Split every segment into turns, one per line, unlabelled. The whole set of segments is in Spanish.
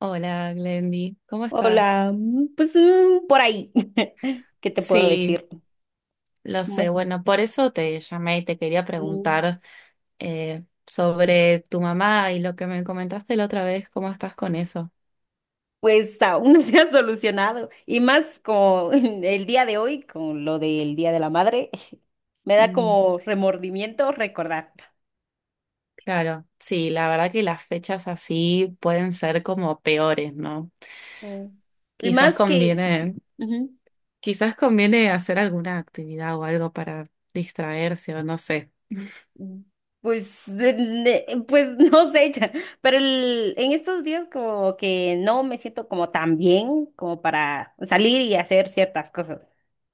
Hola, Glendy, ¿cómo estás?
Hola, pues por ahí. ¿Qué te puedo
Sí,
decir?
lo sé.
Bueno,
Bueno, por eso te llamé y te quería
mm,
preguntar sobre tu mamá y lo que me comentaste la otra vez, ¿cómo estás con eso?
Pues aún no se ha solucionado. Y más como el día de hoy, con lo del Día de la Madre, me da
Mm,
como remordimiento recordar.
claro, sí, la verdad que las fechas así pueden ser como peores, ¿no?
Mm. Y
Quizás
más que,
conviene,
ujú,
quizás conviene hacer alguna actividad o algo para distraerse o no sé.
mm, pues, pues no sé, ya, pero en estos días como que no me siento como tan bien como para salir y hacer ciertas cosas.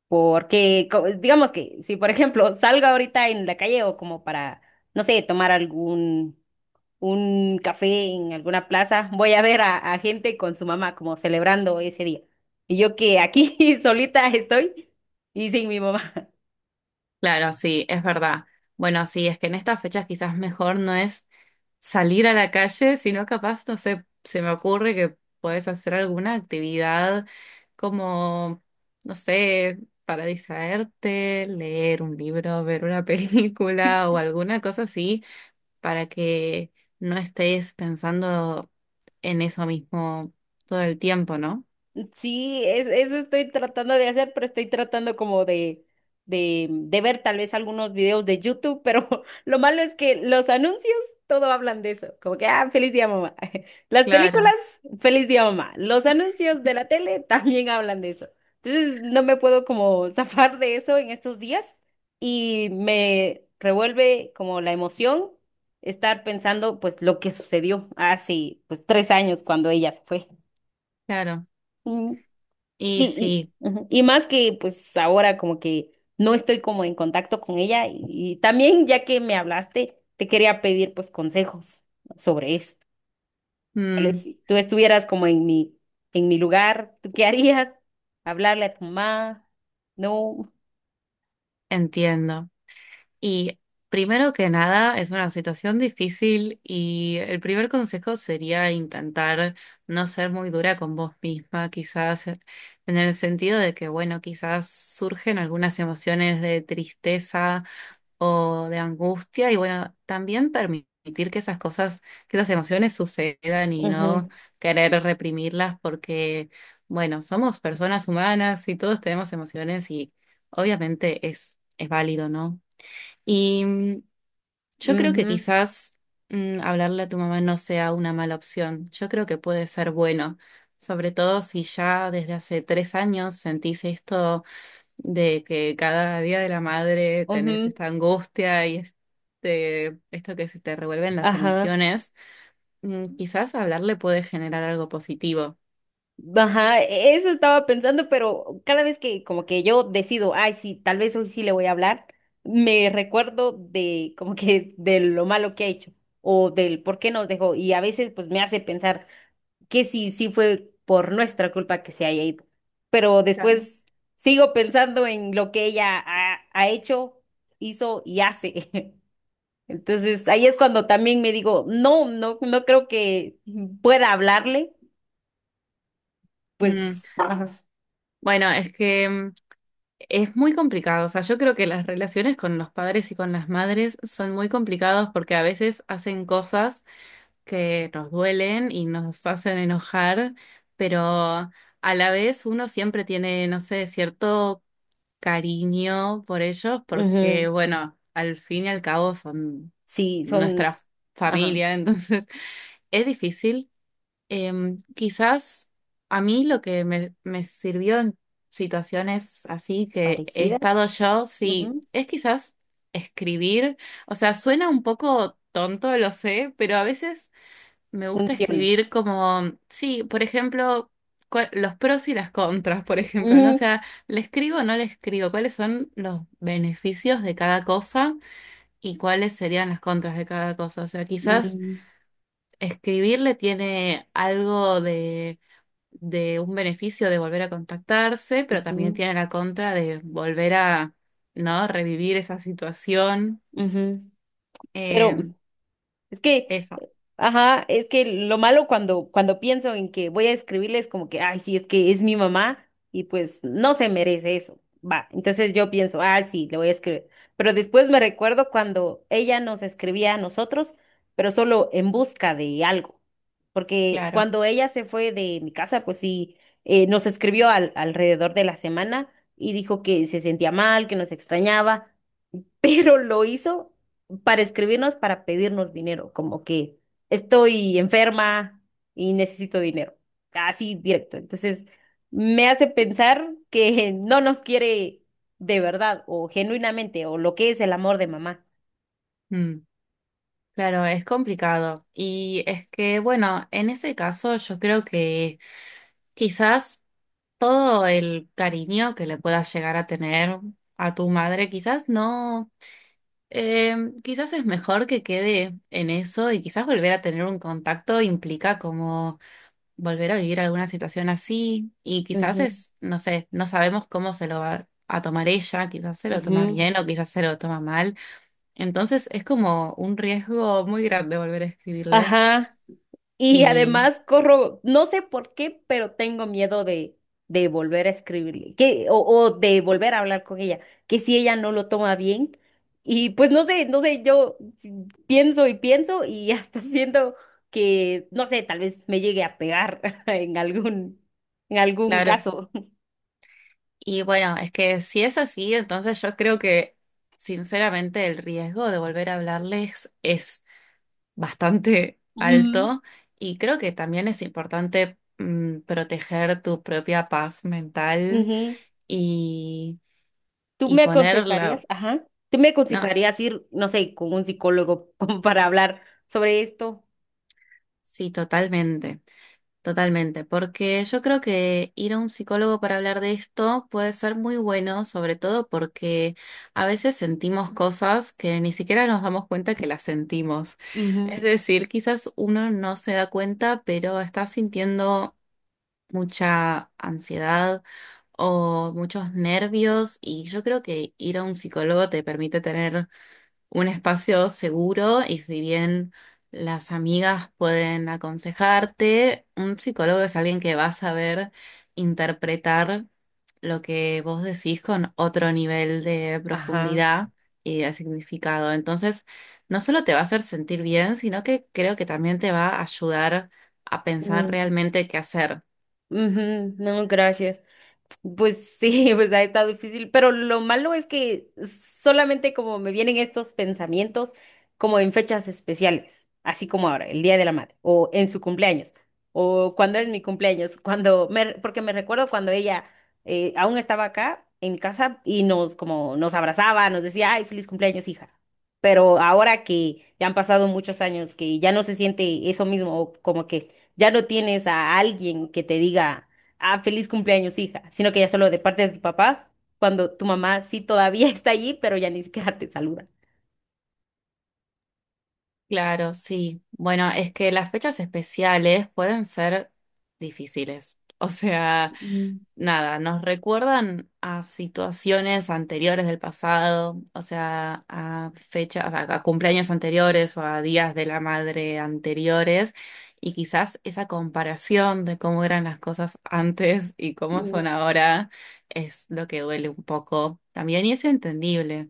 Porque, digamos que si, por ejemplo, salgo ahorita en la calle o como para, no sé, tomar algún un café en alguna plaza, voy a ver a gente con su mamá como celebrando ese día. Y yo que aquí solita estoy y sin mi mamá.
Claro, sí, es verdad. Bueno, sí, es que en estas fechas quizás mejor no es salir a la calle, sino capaz, no sé, se me ocurre que puedes hacer alguna actividad como, no sé, para distraerte, leer un libro, ver una película o alguna cosa así, para que no estés pensando en eso mismo todo el tiempo, ¿no?
Sí, eso estoy tratando de hacer, pero estoy tratando como de, ver tal vez algunos videos de YouTube, pero lo malo es que los anuncios todo hablan de eso, como que, ah, feliz día mamá. Las películas,
Claro,
feliz día mamá. Los anuncios de la tele también hablan de eso. Entonces no me puedo como zafar de eso en estos días y me revuelve como la emoción estar pensando pues lo que sucedió hace pues 3 años cuando ella se fue.
claro.
Mm.
Y
Y,
sí,
y, ujú, y más que pues ahora como que no estoy como en contacto con ella y también ya que me hablaste, te quería pedir pues consejos sobre eso. Tal vez
mm,
si tú estuvieras como en mi lugar, ¿tú qué harías? ¿Hablarle a tu mamá? No.
entiendo. Y primero que nada, es una situación difícil y el primer consejo sería intentar no ser muy dura con vos misma, quizás en el sentido de que, bueno, quizás surgen algunas emociones de tristeza o de angustia y, bueno, también permitir que esas cosas, que esas emociones sucedan y no
Ujú,
querer reprimirlas porque, bueno, somos personas humanas y todos tenemos emociones y obviamente es válido, ¿no? Y yo creo que
ujú,
quizás hablarle a tu mamá no sea una mala opción. Yo creo que puede ser bueno, sobre todo si ya desde hace 3 años sentís esto de que cada día de la madre tenés
ujú,
esta angustia y esto que se te revuelven las
ajá.
emociones. Quizás hablarle puede generar algo positivo.
Ajá, eso estaba pensando, pero cada vez que como que yo decido, ay, sí, tal vez hoy sí le voy a hablar, me recuerdo de como que de lo malo que ha hecho o del por qué nos dejó y a veces pues me hace pensar que sí, sí fue por nuestra culpa que se haya ido, pero
Claro.
después sigo pensando en lo que ella ha hecho, hizo y hace. Entonces ahí es cuando también me digo, no, no, no creo que pueda hablarle,
Mm,
pues... ajá.
bueno, es que es muy complicado. O sea, yo creo que las relaciones con los padres y con las madres son muy complicadas porque a veces hacen cosas que nos duelen y nos hacen enojar, pero a la vez uno siempre tiene, no sé, cierto cariño por ellos porque,
Ujú.
bueno, al fin y al cabo son
Sí, son,
nuestra
ajá,
familia, entonces es difícil. Quizás a mí lo que me sirvió en situaciones así que he
parecidas.
estado yo, sí,
Ujú,
es quizás escribir. O sea, suena un poco tonto, lo sé, pero a veces me gusta
funcionan.
escribir como, sí, por ejemplo, los pros y las contras, por ejemplo, ¿no? O
Ujú,
sea, ¿le escribo o no le escribo? ¿Cuáles son los beneficios de cada cosa y cuáles serían las contras de cada cosa? O sea, quizás
mm,
escribirle tiene algo de un beneficio de volver a contactarse, pero también
ujú,
tiene la contra de volver a, ¿no? Revivir esa situación.
ujú. Pero
Eh,
es que...
eso,
Ajá, es que lo malo cuando pienso en que voy a escribirles como que, ay, sí, es que es mi mamá y pues no se merece eso. Va, entonces yo pienso, ah, sí, le voy a escribir. Pero después me recuerdo cuando ella nos escribía a nosotros, pero solo en busca de algo. Porque
claro.
cuando ella se fue de mi casa, pues sí, nos escribió alrededor de la semana y dijo que se sentía mal, que nos extrañaba pero lo hizo para escribirnos, para pedirnos dinero, como que estoy enferma y necesito dinero, así directo. Entonces, me hace pensar que no nos quiere de verdad o genuinamente o lo que es el amor de mamá.
Mm, claro, es complicado. Y es que, bueno, en ese caso yo creo que quizás todo el cariño que le puedas llegar a tener a tu madre, quizás no. eh, quizás es mejor que quede en eso y quizás volver a tener un contacto implica como volver a vivir alguna situación así y quizás
Ujú,
es, no sé, no sabemos cómo se lo va a tomar ella, quizás se lo toma
ujú.
bien o quizás se lo toma mal. Entonces es como un riesgo muy grande volver a escribirle
Ajá. Y
y
además corro, no sé por qué, pero tengo miedo de volver a escribirle, que, o de volver a hablar con ella, que si ella no lo toma bien, y pues no sé, yo pienso y pienso y hasta siento que, no sé, tal vez me llegue a pegar en algún, en algún
claro,
caso.
y bueno, es que si es así, entonces yo creo que sinceramente el riesgo de volver a hablarles es bastante
Ujú,
alto y creo que también es importante proteger tu propia paz mental.
ujú.
Y
¿Tú
y
me
ponerla.
aconsejarías? Ajá. ¿Tú me
No,
aconsejarías ir, no sé, con un psicólogo como para hablar sobre esto?
sí, totalmente, totalmente, porque yo creo que ir a un psicólogo para hablar de esto puede ser muy bueno, sobre todo porque a veces sentimos cosas que ni siquiera nos damos cuenta que las sentimos. Es
Ujú,
decir, quizás uno no se da cuenta, pero está sintiendo mucha ansiedad o muchos nervios y yo creo que ir a un psicólogo te permite tener un espacio seguro y si bien las amigas pueden aconsejarte, un psicólogo es alguien que va a saber interpretar lo que vos decís con otro nivel de
ajá.
profundidad y de significado. Entonces, no solo te va a hacer sentir bien, sino que creo que también te va a ayudar a pensar realmente qué hacer.
Ujú. No, gracias. Pues sí, pues ha estado difícil, pero lo malo es que solamente como me vienen estos pensamientos como en fechas especiales, así como ahora, el Día de la Madre, o en su cumpleaños, o cuando es mi cumpleaños, cuando me, porque me recuerdo cuando ella aún estaba acá en mi casa y nos como nos abrazaba, nos decía, ay, feliz cumpleaños, hija. Pero ahora que ya han pasado muchos años, que ya no se siente eso mismo, o como que ya no tienes a alguien que te diga ah, feliz cumpleaños, hija, sino que ya solo de parte de tu papá, cuando tu mamá sí todavía está allí, pero ya ni siquiera te saluda.
Claro, sí. Bueno, es que las fechas especiales pueden ser difíciles. O sea,
Mm.
nada, nos recuerdan a situaciones anteriores del pasado, o sea, a fechas, a cumpleaños anteriores o a días de la madre anteriores, y quizás esa comparación de cómo eran las cosas antes y cómo
Mm,
son ahora es lo que duele un poco también, y es entendible.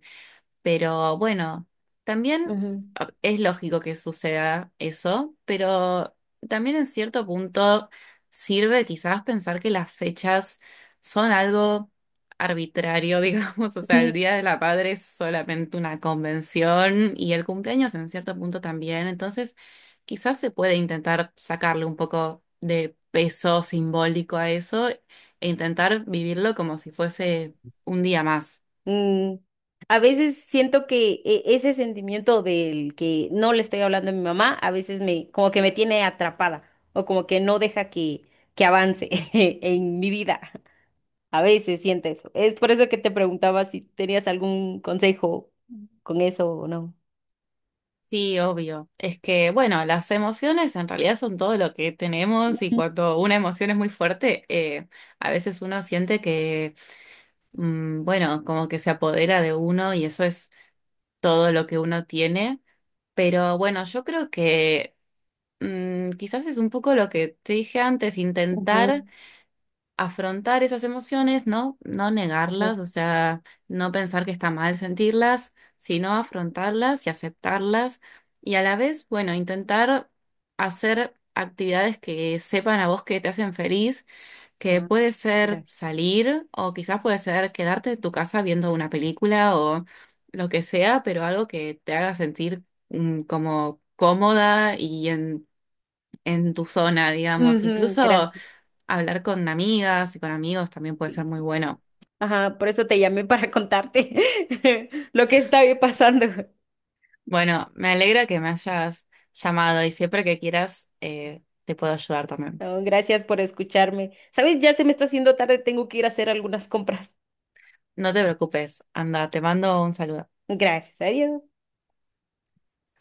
Pero bueno, también
ujú,
es lógico que suceda eso, pero también en cierto punto sirve quizás pensar que las fechas son algo arbitrario, digamos, o sea, el
ujú,
Día de la Madre es solamente una convención y el cumpleaños en cierto punto también, entonces quizás se puede intentar sacarle un poco de peso simbólico a eso e intentar vivirlo como si fuese un día más.
mm. A veces siento que ese sentimiento del que no le estoy hablando a mi mamá, a veces me, como que me tiene atrapada o como que no deja que, avance en mi vida. A veces siento eso. Es por eso que te preguntaba si tenías algún consejo con eso o no.
Sí, obvio. Es que, bueno, las emociones en realidad son todo lo que tenemos y cuando una emoción es muy fuerte, a veces uno siente que, bueno, como que se apodera de uno y eso es todo lo que uno tiene. Pero bueno, yo creo que quizás es un poco lo que te dije antes,
Ujú,
intentar afrontar esas emociones, ¿no? No negarlas,
ujú.
o sea, no pensar que está mal sentirlas, sino afrontarlas y aceptarlas. Y a la vez, bueno, intentar hacer actividades que sepan a vos que te hacen feliz, que
Ah,
puede ser
mira.
salir o quizás puede ser quedarte en tu casa viendo una película o lo que sea, pero algo que te haga sentir como cómoda y en tu zona, digamos.
Ujú,
Incluso
gracias.
hablar con amigas y con amigos también puede
Sí.
ser muy bueno.
Ajá, por eso te llamé para contarte lo que está pasando.
Bueno, me alegra que me hayas llamado y siempre que quieras te puedo ayudar también.
No, gracias por escucharme. ¿Sabes? Ya se me está haciendo tarde, tengo que ir a hacer algunas compras.
No te preocupes, anda, te mando un saludo.
Gracias, adiós.